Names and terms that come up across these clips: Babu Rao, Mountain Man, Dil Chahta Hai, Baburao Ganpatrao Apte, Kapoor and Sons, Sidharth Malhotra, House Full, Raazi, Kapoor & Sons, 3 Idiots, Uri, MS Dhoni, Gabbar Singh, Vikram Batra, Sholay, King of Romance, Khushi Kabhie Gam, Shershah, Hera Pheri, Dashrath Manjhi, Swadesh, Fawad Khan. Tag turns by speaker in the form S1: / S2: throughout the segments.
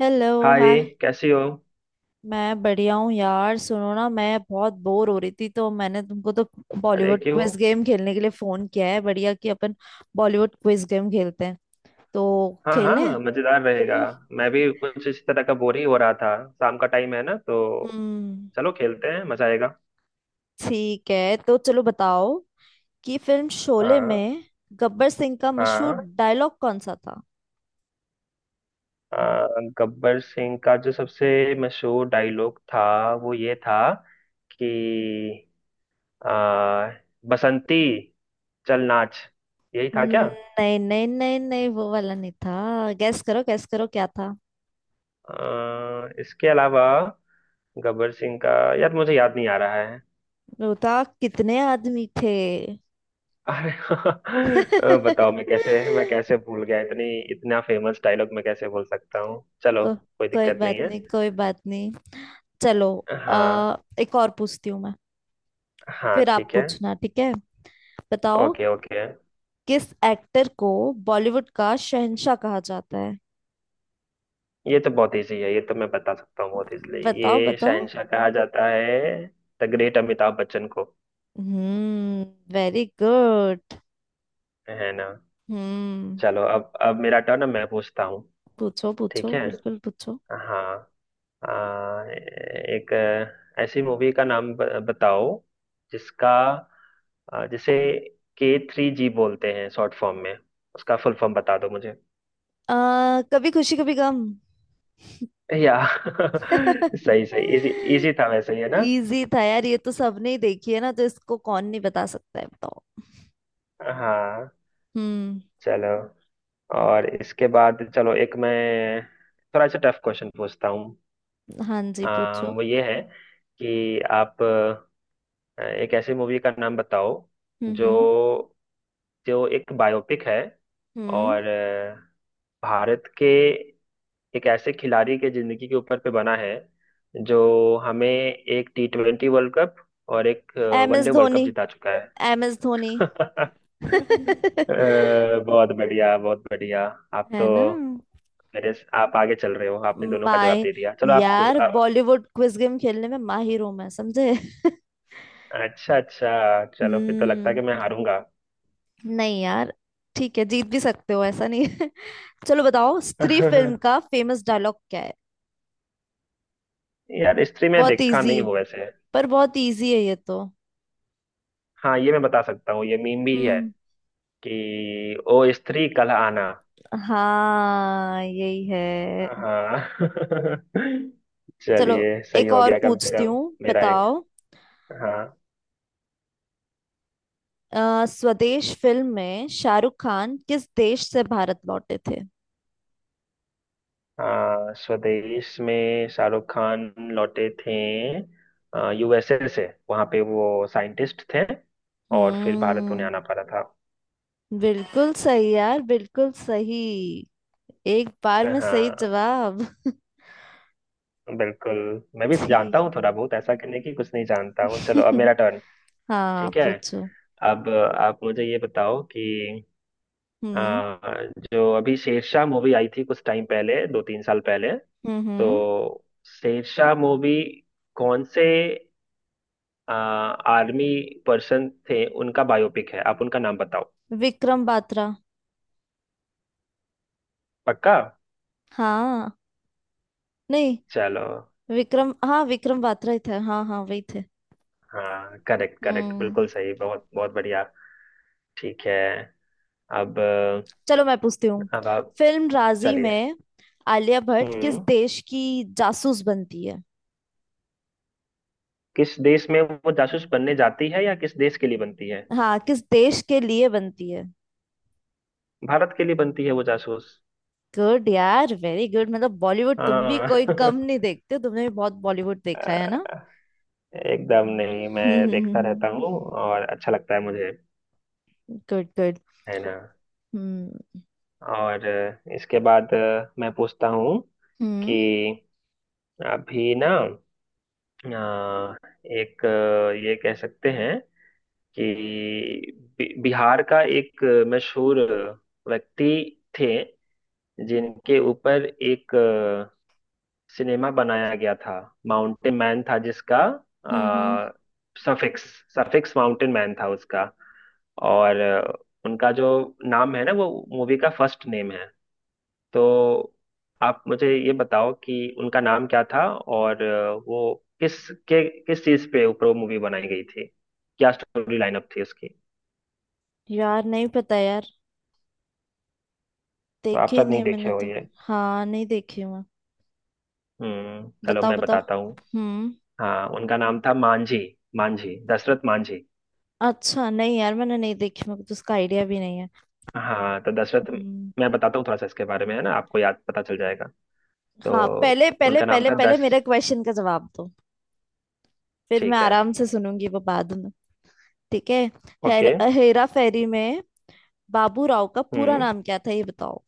S1: Hello. Hi.
S2: Hi. कैसी हो?
S1: मैं बढ़िया हूँ यार, सुनो ना मैं बहुत बोर हो रही थी तो मैंने तुमको तो
S2: अरे
S1: बॉलीवुड
S2: क्यों?
S1: क्विज गेम खेलने के लिए फोन किया है। बढ़िया कि अपन बॉलीवुड क्विज गेम खेलते हैं तो
S2: हाँ
S1: खेलें।
S2: हाँ, मजेदार रहेगा।
S1: हम्म।
S2: मैं भी कुछ इसी तरह का बोर ही हो रहा था। शाम का टाइम है ना, तो
S1: हम्म,
S2: चलो खेलते हैं, मजा आएगा।
S1: ठीक है तो चलो बताओ कि फिल्म शोले
S2: हाँ
S1: में गब्बर सिंह का मशहूर
S2: हाँ।
S1: डायलॉग कौन सा था।
S2: आ, गब्बर सिंह का जो सबसे मशहूर डायलॉग था वो ये था कि आ, बसंती चल नाच। यही था क्या?
S1: नहीं नहीं नहीं नहीं, वो वाला नहीं था। गैस करो गैस करो, क्या था।
S2: इसके अलावा गब्बर सिंह का, यार मुझे याद नहीं आ रहा है।
S1: वो था कितने आदमी थे।
S2: अरे बताओ, मैं कैसे मैं कैसे भूल गया इतनी इतना फेमस डायलॉग मैं कैसे भूल सकता हूँ। चलो,
S1: को,
S2: कोई
S1: कोई
S2: दिक्कत नहीं
S1: बात
S2: है।
S1: नहीं, कोई बात नहीं। चलो
S2: हाँ
S1: एक और पूछती हूँ मैं,
S2: हाँ
S1: फिर आप
S2: ठीक है।
S1: पूछना, ठीक है। बताओ
S2: ओके ओके।
S1: किस एक्टर को बॉलीवुड का शहंशाह कहा जाता है।
S2: ये तो बहुत इजी है, ये तो मैं बता सकता हूँ बहुत इजीली।
S1: बताओ
S2: ये
S1: बताओ।
S2: शहनशाह कहा जाता है द ग्रेट अमिताभ बच्चन को।
S1: हम्म। Very good.
S2: है ना?
S1: हम्म।
S2: चलो अब मेरा टर्न, मैं पूछता हूँ।
S1: पूछो
S2: ठीक
S1: पूछो,
S2: है।
S1: बिल्कुल पूछो।
S2: हाँ। आ, एक ऐसी मूवी का नाम बताओ जिसका, जिसे K3G बोलते हैं शॉर्ट फॉर्म में, उसका फुल फॉर्म बता दो मुझे।
S1: कभी खुशी कभी गम।
S2: या सही सही, इजी। इजी था वैसे ये ना।
S1: इजी था यार, ये तो सबने ही देखी है ना तो इसको कौन नहीं बता सकता है। बताओ।
S2: हाँ
S1: हम्म।
S2: चलो। और इसके बाद चलो एक मैं थोड़ा सा टफ क्वेश्चन पूछता हूँ।
S1: हाँ जी, पूछो।
S2: वो ये है कि आप एक ऐसी मूवी का नाम बताओ
S1: हम्म। हम्म।
S2: जो, जो एक बायोपिक है,
S1: हम्म।
S2: और भारत के एक ऐसे खिलाड़ी के जिंदगी के ऊपर पे बना है जो हमें एक T20 वर्ल्ड कप और एक
S1: M S
S2: one day world cup
S1: Dhoni.
S2: जिता चुका है।
S1: M S Dhoni.
S2: अ, बहुत बढ़िया, बहुत बढ़िया। आप
S1: है
S2: तो
S1: ना।
S2: मेरे से- आप आगे चल रहे हो, आपने दोनों का जवाब
S1: माय
S2: दे दिया। चलो आप पूछ
S1: यार, बॉलीवुड क्विज गेम खेलने में माहिर हूं मैं, समझे।
S2: अच्छा अच्छा। चलो फिर तो लगता है कि
S1: हम्म।
S2: मैं हारूंगा।
S1: नहीं यार, ठीक है, जीत भी सकते हो, ऐसा नहीं है। चलो बताओ, स्त्री फिल्म का फेमस डायलॉग क्या है।
S2: यार, स्त्री में
S1: बहुत
S2: देखा
S1: इजी
S2: नहीं
S1: है,
S2: हूं वैसे।
S1: पर बहुत इजी है ये तो।
S2: हाँ ये मैं बता सकता हूँ, ये मीम भी है,
S1: हम्म।
S2: कि ओ स्त्री कल आना।
S1: हाँ, यही है।
S2: हाँ
S1: चलो
S2: चलिए सही
S1: एक
S2: हो
S1: और
S2: गया कम से
S1: पूछती
S2: कम।
S1: हूँ।
S2: मेरा एक।
S1: बताओ
S2: हाँ
S1: स्वदेश फिल्म में शाहरुख खान किस देश से भारत लौटे थे।
S2: हाँ। स्वदेश में शाहरुख खान लौटे थे यूएसए से। वहाँ पे वो साइंटिस्ट थे और फिर भारत उन्हें
S1: हम्म।
S2: आना पड़ा था।
S1: बिल्कुल सही यार, बिल्कुल सही। एक बार में सही
S2: हाँ
S1: जवाब।
S2: बिल्कुल। मैं भी जानता
S1: ठीक
S2: हूँ थोड़ा बहुत, ऐसा करने की कुछ नहीं
S1: है।
S2: जानता हूँ। चलो अब मेरा टर्न।
S1: हाँ
S2: ठीक है।
S1: पूछो।
S2: अब आप मुझे ये बताओ कि
S1: हम्म।
S2: आ, जो अभी शेरशाह मूवी आई थी कुछ टाइम पहले, दो तीन साल पहले,
S1: हम्म।
S2: तो
S1: हम्म।
S2: शेरशाह मूवी कौन से आर्मी पर्सन थे, उनका बायोपिक है, आप उनका नाम बताओ।
S1: विक्रम बात्रा।
S2: पक्का?
S1: हाँ। नहीं,
S2: चलो।
S1: विक्रम, हाँ विक्रम बात्रा ही थे, हाँ हाँ वही थे।
S2: हाँ करेक्ट करेक्ट,
S1: हम्म।
S2: बिल्कुल सही, बहुत बहुत बढ़िया। ठीक है। अब
S1: चलो मैं पूछती हूँ,
S2: अब आप,
S1: फिल्म राजी
S2: चलिए।
S1: में आलिया भट्ट किस
S2: हम्म।
S1: देश की जासूस बनती है।
S2: किस देश में वो जासूस बनने जाती है, या किस देश के लिए बनती है?
S1: हाँ, किस देश के लिए बनती है।
S2: भारत के लिए बनती है वो जासूस।
S1: गुड यार, वेरी गुड। मतलब बॉलीवुड तुम भी
S2: हाँ
S1: कोई कम नहीं देखते, तुमने भी बहुत बॉलीवुड देखा है ना।
S2: एकदम नहीं, मैं देखता रहता हूँ और अच्छा लगता है मुझे।
S1: Good good.
S2: है ना?
S1: हम्म।
S2: और इसके बाद मैं पूछता हूँ कि
S1: हम्म।
S2: अभी ना अ, एक, ये कह सकते हैं कि बिहार का एक मशहूर व्यक्ति थे, जिनके ऊपर एक सिनेमा बनाया गया था। माउंटेन मैन था जिसका
S1: हम्म। हम्म।
S2: अ, सफिक्स, सफिक्स माउंटेन मैन था उसका। और उनका जो नाम है ना, वो मूवी का फर्स्ट नेम है। तो आप मुझे ये बताओ कि उनका नाम क्या था, और वो किस, के किस चीज पे ऊपर वो मूवी बनाई गई थी, क्या स्टोरी लाइनअप थी उसकी।
S1: यार नहीं पता यार।
S2: तो आप
S1: देखी
S2: शायद नहीं
S1: नहीं
S2: देखे
S1: मैंने
S2: हो
S1: तो।
S2: ये।
S1: हाँ, नहीं देखी मैं।
S2: हम्म, चलो
S1: बताओ
S2: मैं
S1: बताओ।
S2: बताता हूँ।
S1: हम्म।
S2: हाँ, उनका नाम था मांझी, मांझी, दशरथ मांझी।
S1: अच्छा, नहीं यार मैंने नहीं देखी, मेरे को तो उसका आइडिया भी नहीं है।
S2: हाँ, तो दशरथ,
S1: हम्म।
S2: मैं बताता हूँ थोड़ा सा इसके बारे में, है ना, आपको याद, पता चल जाएगा। तो
S1: हाँ, पहले पहले
S2: उनका नाम
S1: पहले
S2: था
S1: पहले
S2: दश
S1: मेरे क्वेश्चन का जवाब दो, फिर मैं
S2: ठीक है।
S1: आराम से सुनूंगी वो बाद में। ठीक है। हेर,
S2: ओके।
S1: हेरा फेरी में बाबू राव का पूरा
S2: हम्म।
S1: नाम क्या था ये बताओ।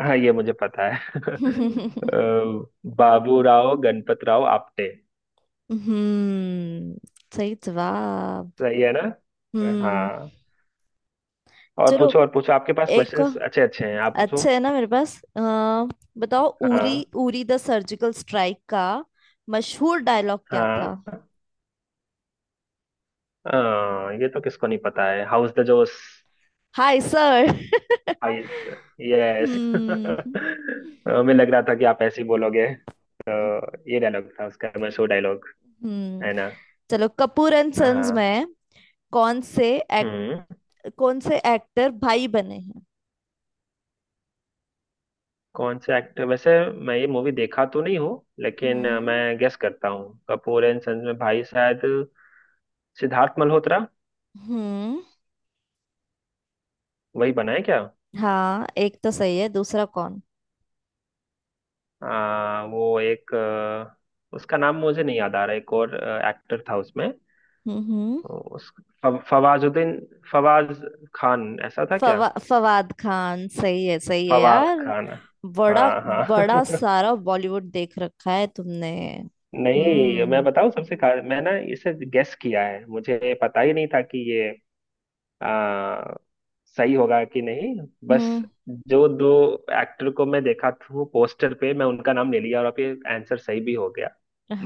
S2: हाँ ये मुझे पता है। अ, बाबूराव गणपतराव आपटे।
S1: हम्म। सही जवाब।
S2: सही है ना?
S1: हम्म।
S2: हाँ। और
S1: चलो,
S2: पूछो और पूछो, आपके पास
S1: एक और-
S2: क्वेश्चंस अच्छे अच्छे हैं, आप पूछो।
S1: अच्छा है ना मेरे पास। बताओ उरी,
S2: हाँ।
S1: उरी द सर्जिकल स्ट्राइक का मशहूर डायलॉग क्या था।
S2: हाँ हाँ, ये तो किसको नहीं पता है, how's the josh,
S1: high sir.
S2: Ice, yes.
S1: हम्म।
S2: हमें लग रहा था कि आप ऐसे ही बोलोगे। तो ये डायलॉग था उसका, मशहूर डायलॉग।
S1: हम्म।
S2: है ना?
S1: चलो, कपूर एंड सन्स
S2: हाँ।
S1: में कौन से एक्ट
S2: हम्म।
S1: कौन से एक्टर भाई बने हैं।
S2: कौन से एक्टर, वैसे मैं ये मूवी देखा तो नहीं हूँ, लेकिन
S1: हम्म।
S2: मैं गेस करता हूँ कपूर एंड सन्स में भाई शायद सिद्धार्थ मल्होत्रा,
S1: हम्म।
S2: वही बना है क्या?
S1: हाँ, एक तो सही है, दूसरा कौन।
S2: वो एक, उसका नाम मुझे नहीं याद आ रहा, एक और एक्टर था उसमें,
S1: हम्म। हम्म।
S2: उस, फवाजुद्दीन, फवाज खान, ऐसा था क्या?
S1: फवाद खान, सही है, सही है
S2: फवाद
S1: यार।
S2: खान।
S1: बड़ा
S2: हाँ हाँ।
S1: बड़ा सारा बॉलीवुड देख रखा है तुमने।
S2: नहीं मैं
S1: हम्म।
S2: बताऊं, सबसे खा, मैं ना इसे गेस किया है, मुझे पता ही नहीं था कि ये आ, सही होगा कि नहीं, बस
S1: हम्म।
S2: जो दो एक्टर को मैं देखा था पोस्टर पे, मैं उनका नाम ले लिया, और अब ये आंसर सही भी हो गया।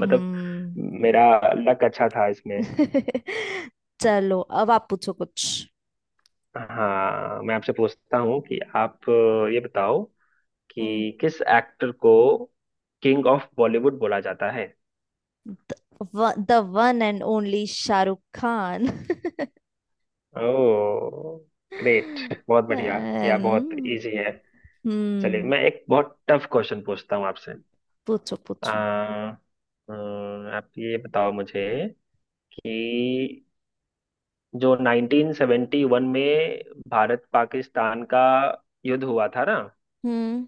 S2: मतलब मेरा लक अच्छा था इसमें।
S1: चलो अब आप पूछो कुछ।
S2: हाँ मैं आपसे पूछता हूँ कि आप ये बताओ
S1: हम्म।
S2: कि किस एक्टर को किंग ऑफ बॉलीवुड बोला जाता है।
S1: The one and only Shahrukh Khan.
S2: Oh great, बहुत बढ़िया। या बहुत
S1: And-
S2: इजी है। चलिए
S1: हम्म।
S2: मैं एक बहुत टफ क्वेश्चन पूछता हूँ आपसे।
S1: पूछो पूछो।
S2: आ, आप ये बताओ मुझे, कि जो 1971 में भारत पाकिस्तान का युद्ध हुआ था ना,
S1: हम्म।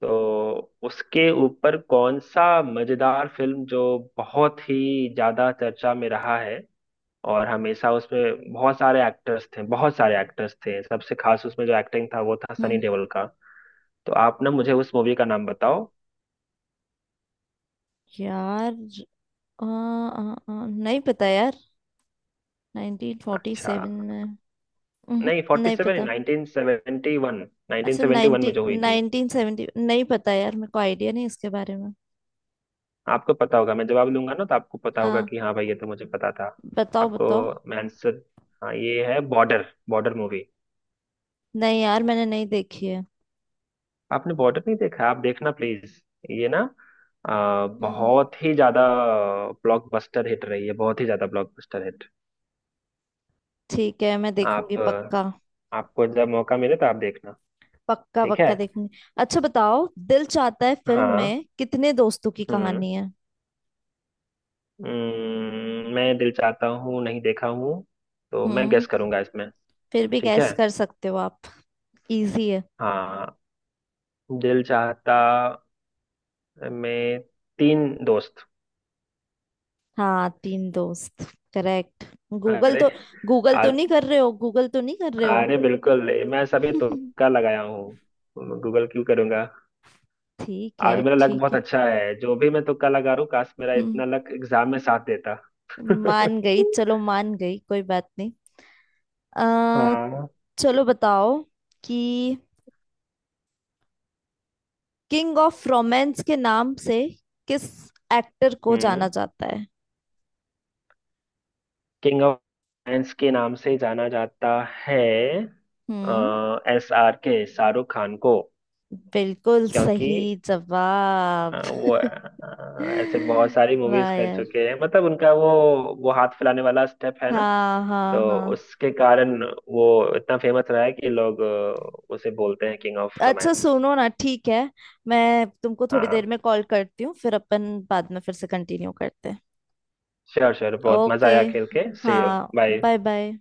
S2: तो उसके ऊपर कौन सा मजेदार फिल्म जो बहुत ही ज्यादा चर्चा में रहा है, और हमेशा उसमें बहुत सारे एक्टर्स थे, बहुत सारे एक्टर्स थे, सबसे खास उसमें जो एक्टिंग था वो था सनी
S1: हम्म।
S2: देओल का। तो आप ना मुझे उस मूवी का नाम बताओ।
S1: यार आ, आ, आ, नहीं पता यार।
S2: अच्छा
S1: 1947 में। उहुं,
S2: नहीं, फोर्टी
S1: नहीं
S2: सेवन
S1: पता।
S2: 1971, नाइनटीन
S1: अच्छा
S2: सेवेंटी वन में
S1: 19
S2: जो हुई थी।
S1: 1970, नहीं पता यार, मेरे को आइडिया नहीं इसके बारे में।
S2: आपको पता होगा, मैं जवाब लूंगा ना तो आपको पता होगा
S1: हाँ,
S2: कि हाँ भाई ये तो मुझे पता था।
S1: बताओ
S2: आपको
S1: बताओ।
S2: मैं आंसर, हाँ ये है बॉर्डर, बॉर्डर मूवी।
S1: नहीं यार, मैंने नहीं देखी है।
S2: आपने बॉर्डर नहीं देखा है? आप देखना प्लीज। ये ना
S1: हम्म।
S2: बहुत ही ज्यादा ब्लॉकबस्टर हिट रही है, बहुत ही ज्यादा ब्लॉकबस्टर हिट।
S1: ठीक है, मैं देखूंगी पक्का।
S2: आपको जब मौका मिले तो आप देखना।
S1: पक्का
S2: ठीक है।
S1: पक्का देखूंगी। अच्छा बताओ, दिल चाहता है फिल्म
S2: हाँ।
S1: में कितने दोस्तों की
S2: हम्म।
S1: कहानी है।
S2: मैं दिल चाहता हूँ नहीं देखा हूँ, तो मैं
S1: हम्म।
S2: गेस करूंगा इसमें।
S1: फिर भी
S2: ठीक है।
S1: गैस कर सकते हो आप, इजी है।
S2: हाँ। दिल चाहता में तीन दोस्त।
S1: हाँ, तीन दोस्त, करेक्ट। गूगल
S2: अरे,
S1: तो गूगल तो
S2: आज,
S1: नहीं कर रहे हो, गूगल तो नहीं कर रहे हो।
S2: अरे बिल्कुल, मैं सभी तुक्का लगाया हूँ। गूगल क्यों करूंगा?
S1: ठीक है,
S2: आज मेरा लक
S1: ठीक
S2: बहुत
S1: है।
S2: अच्छा है, जो भी मैं तुक्का लगा रहा हूँ। काश मेरा
S1: हम्म।
S2: इतना लक एग्जाम में साथ देता।
S1: मान गई, चलो मान गई, कोई बात नहीं। आ,
S2: हाँ।
S1: चलो बताओ कि किंग ऑफ रोमांस के नाम से किस एक्टर को जाना
S2: हम्म।
S1: जाता है।
S2: किंग ऑफ साइंस के नाम से जाना जाता है,
S1: हम्म।
S2: SRK, शाहरुख खान को।
S1: बिल्कुल
S2: क्योंकि
S1: सही जवाब।
S2: वो ऐसे बहुत सारी मूवीज
S1: वाह
S2: कर
S1: यार।
S2: चुके हैं, मतलब उनका वो हाथ फैलाने वाला स्टेप है ना,
S1: हाँ हाँ
S2: तो
S1: हाँ।
S2: उसके कारण वो इतना फेमस रहा है कि लोग उसे बोलते हैं किंग ऑफ
S1: अच्छा
S2: रोमांस।
S1: सुनो ना, ठीक है, मैं तुमको थोड़ी देर में कॉल करती हूँ, फिर अपन बाद में फिर से कंटिन्यू करते हैं।
S2: श्योर श्योर, बहुत मजा
S1: ओके।
S2: आया खेल के। See you.
S1: हाँ।
S2: बाय।
S1: बाय। बाय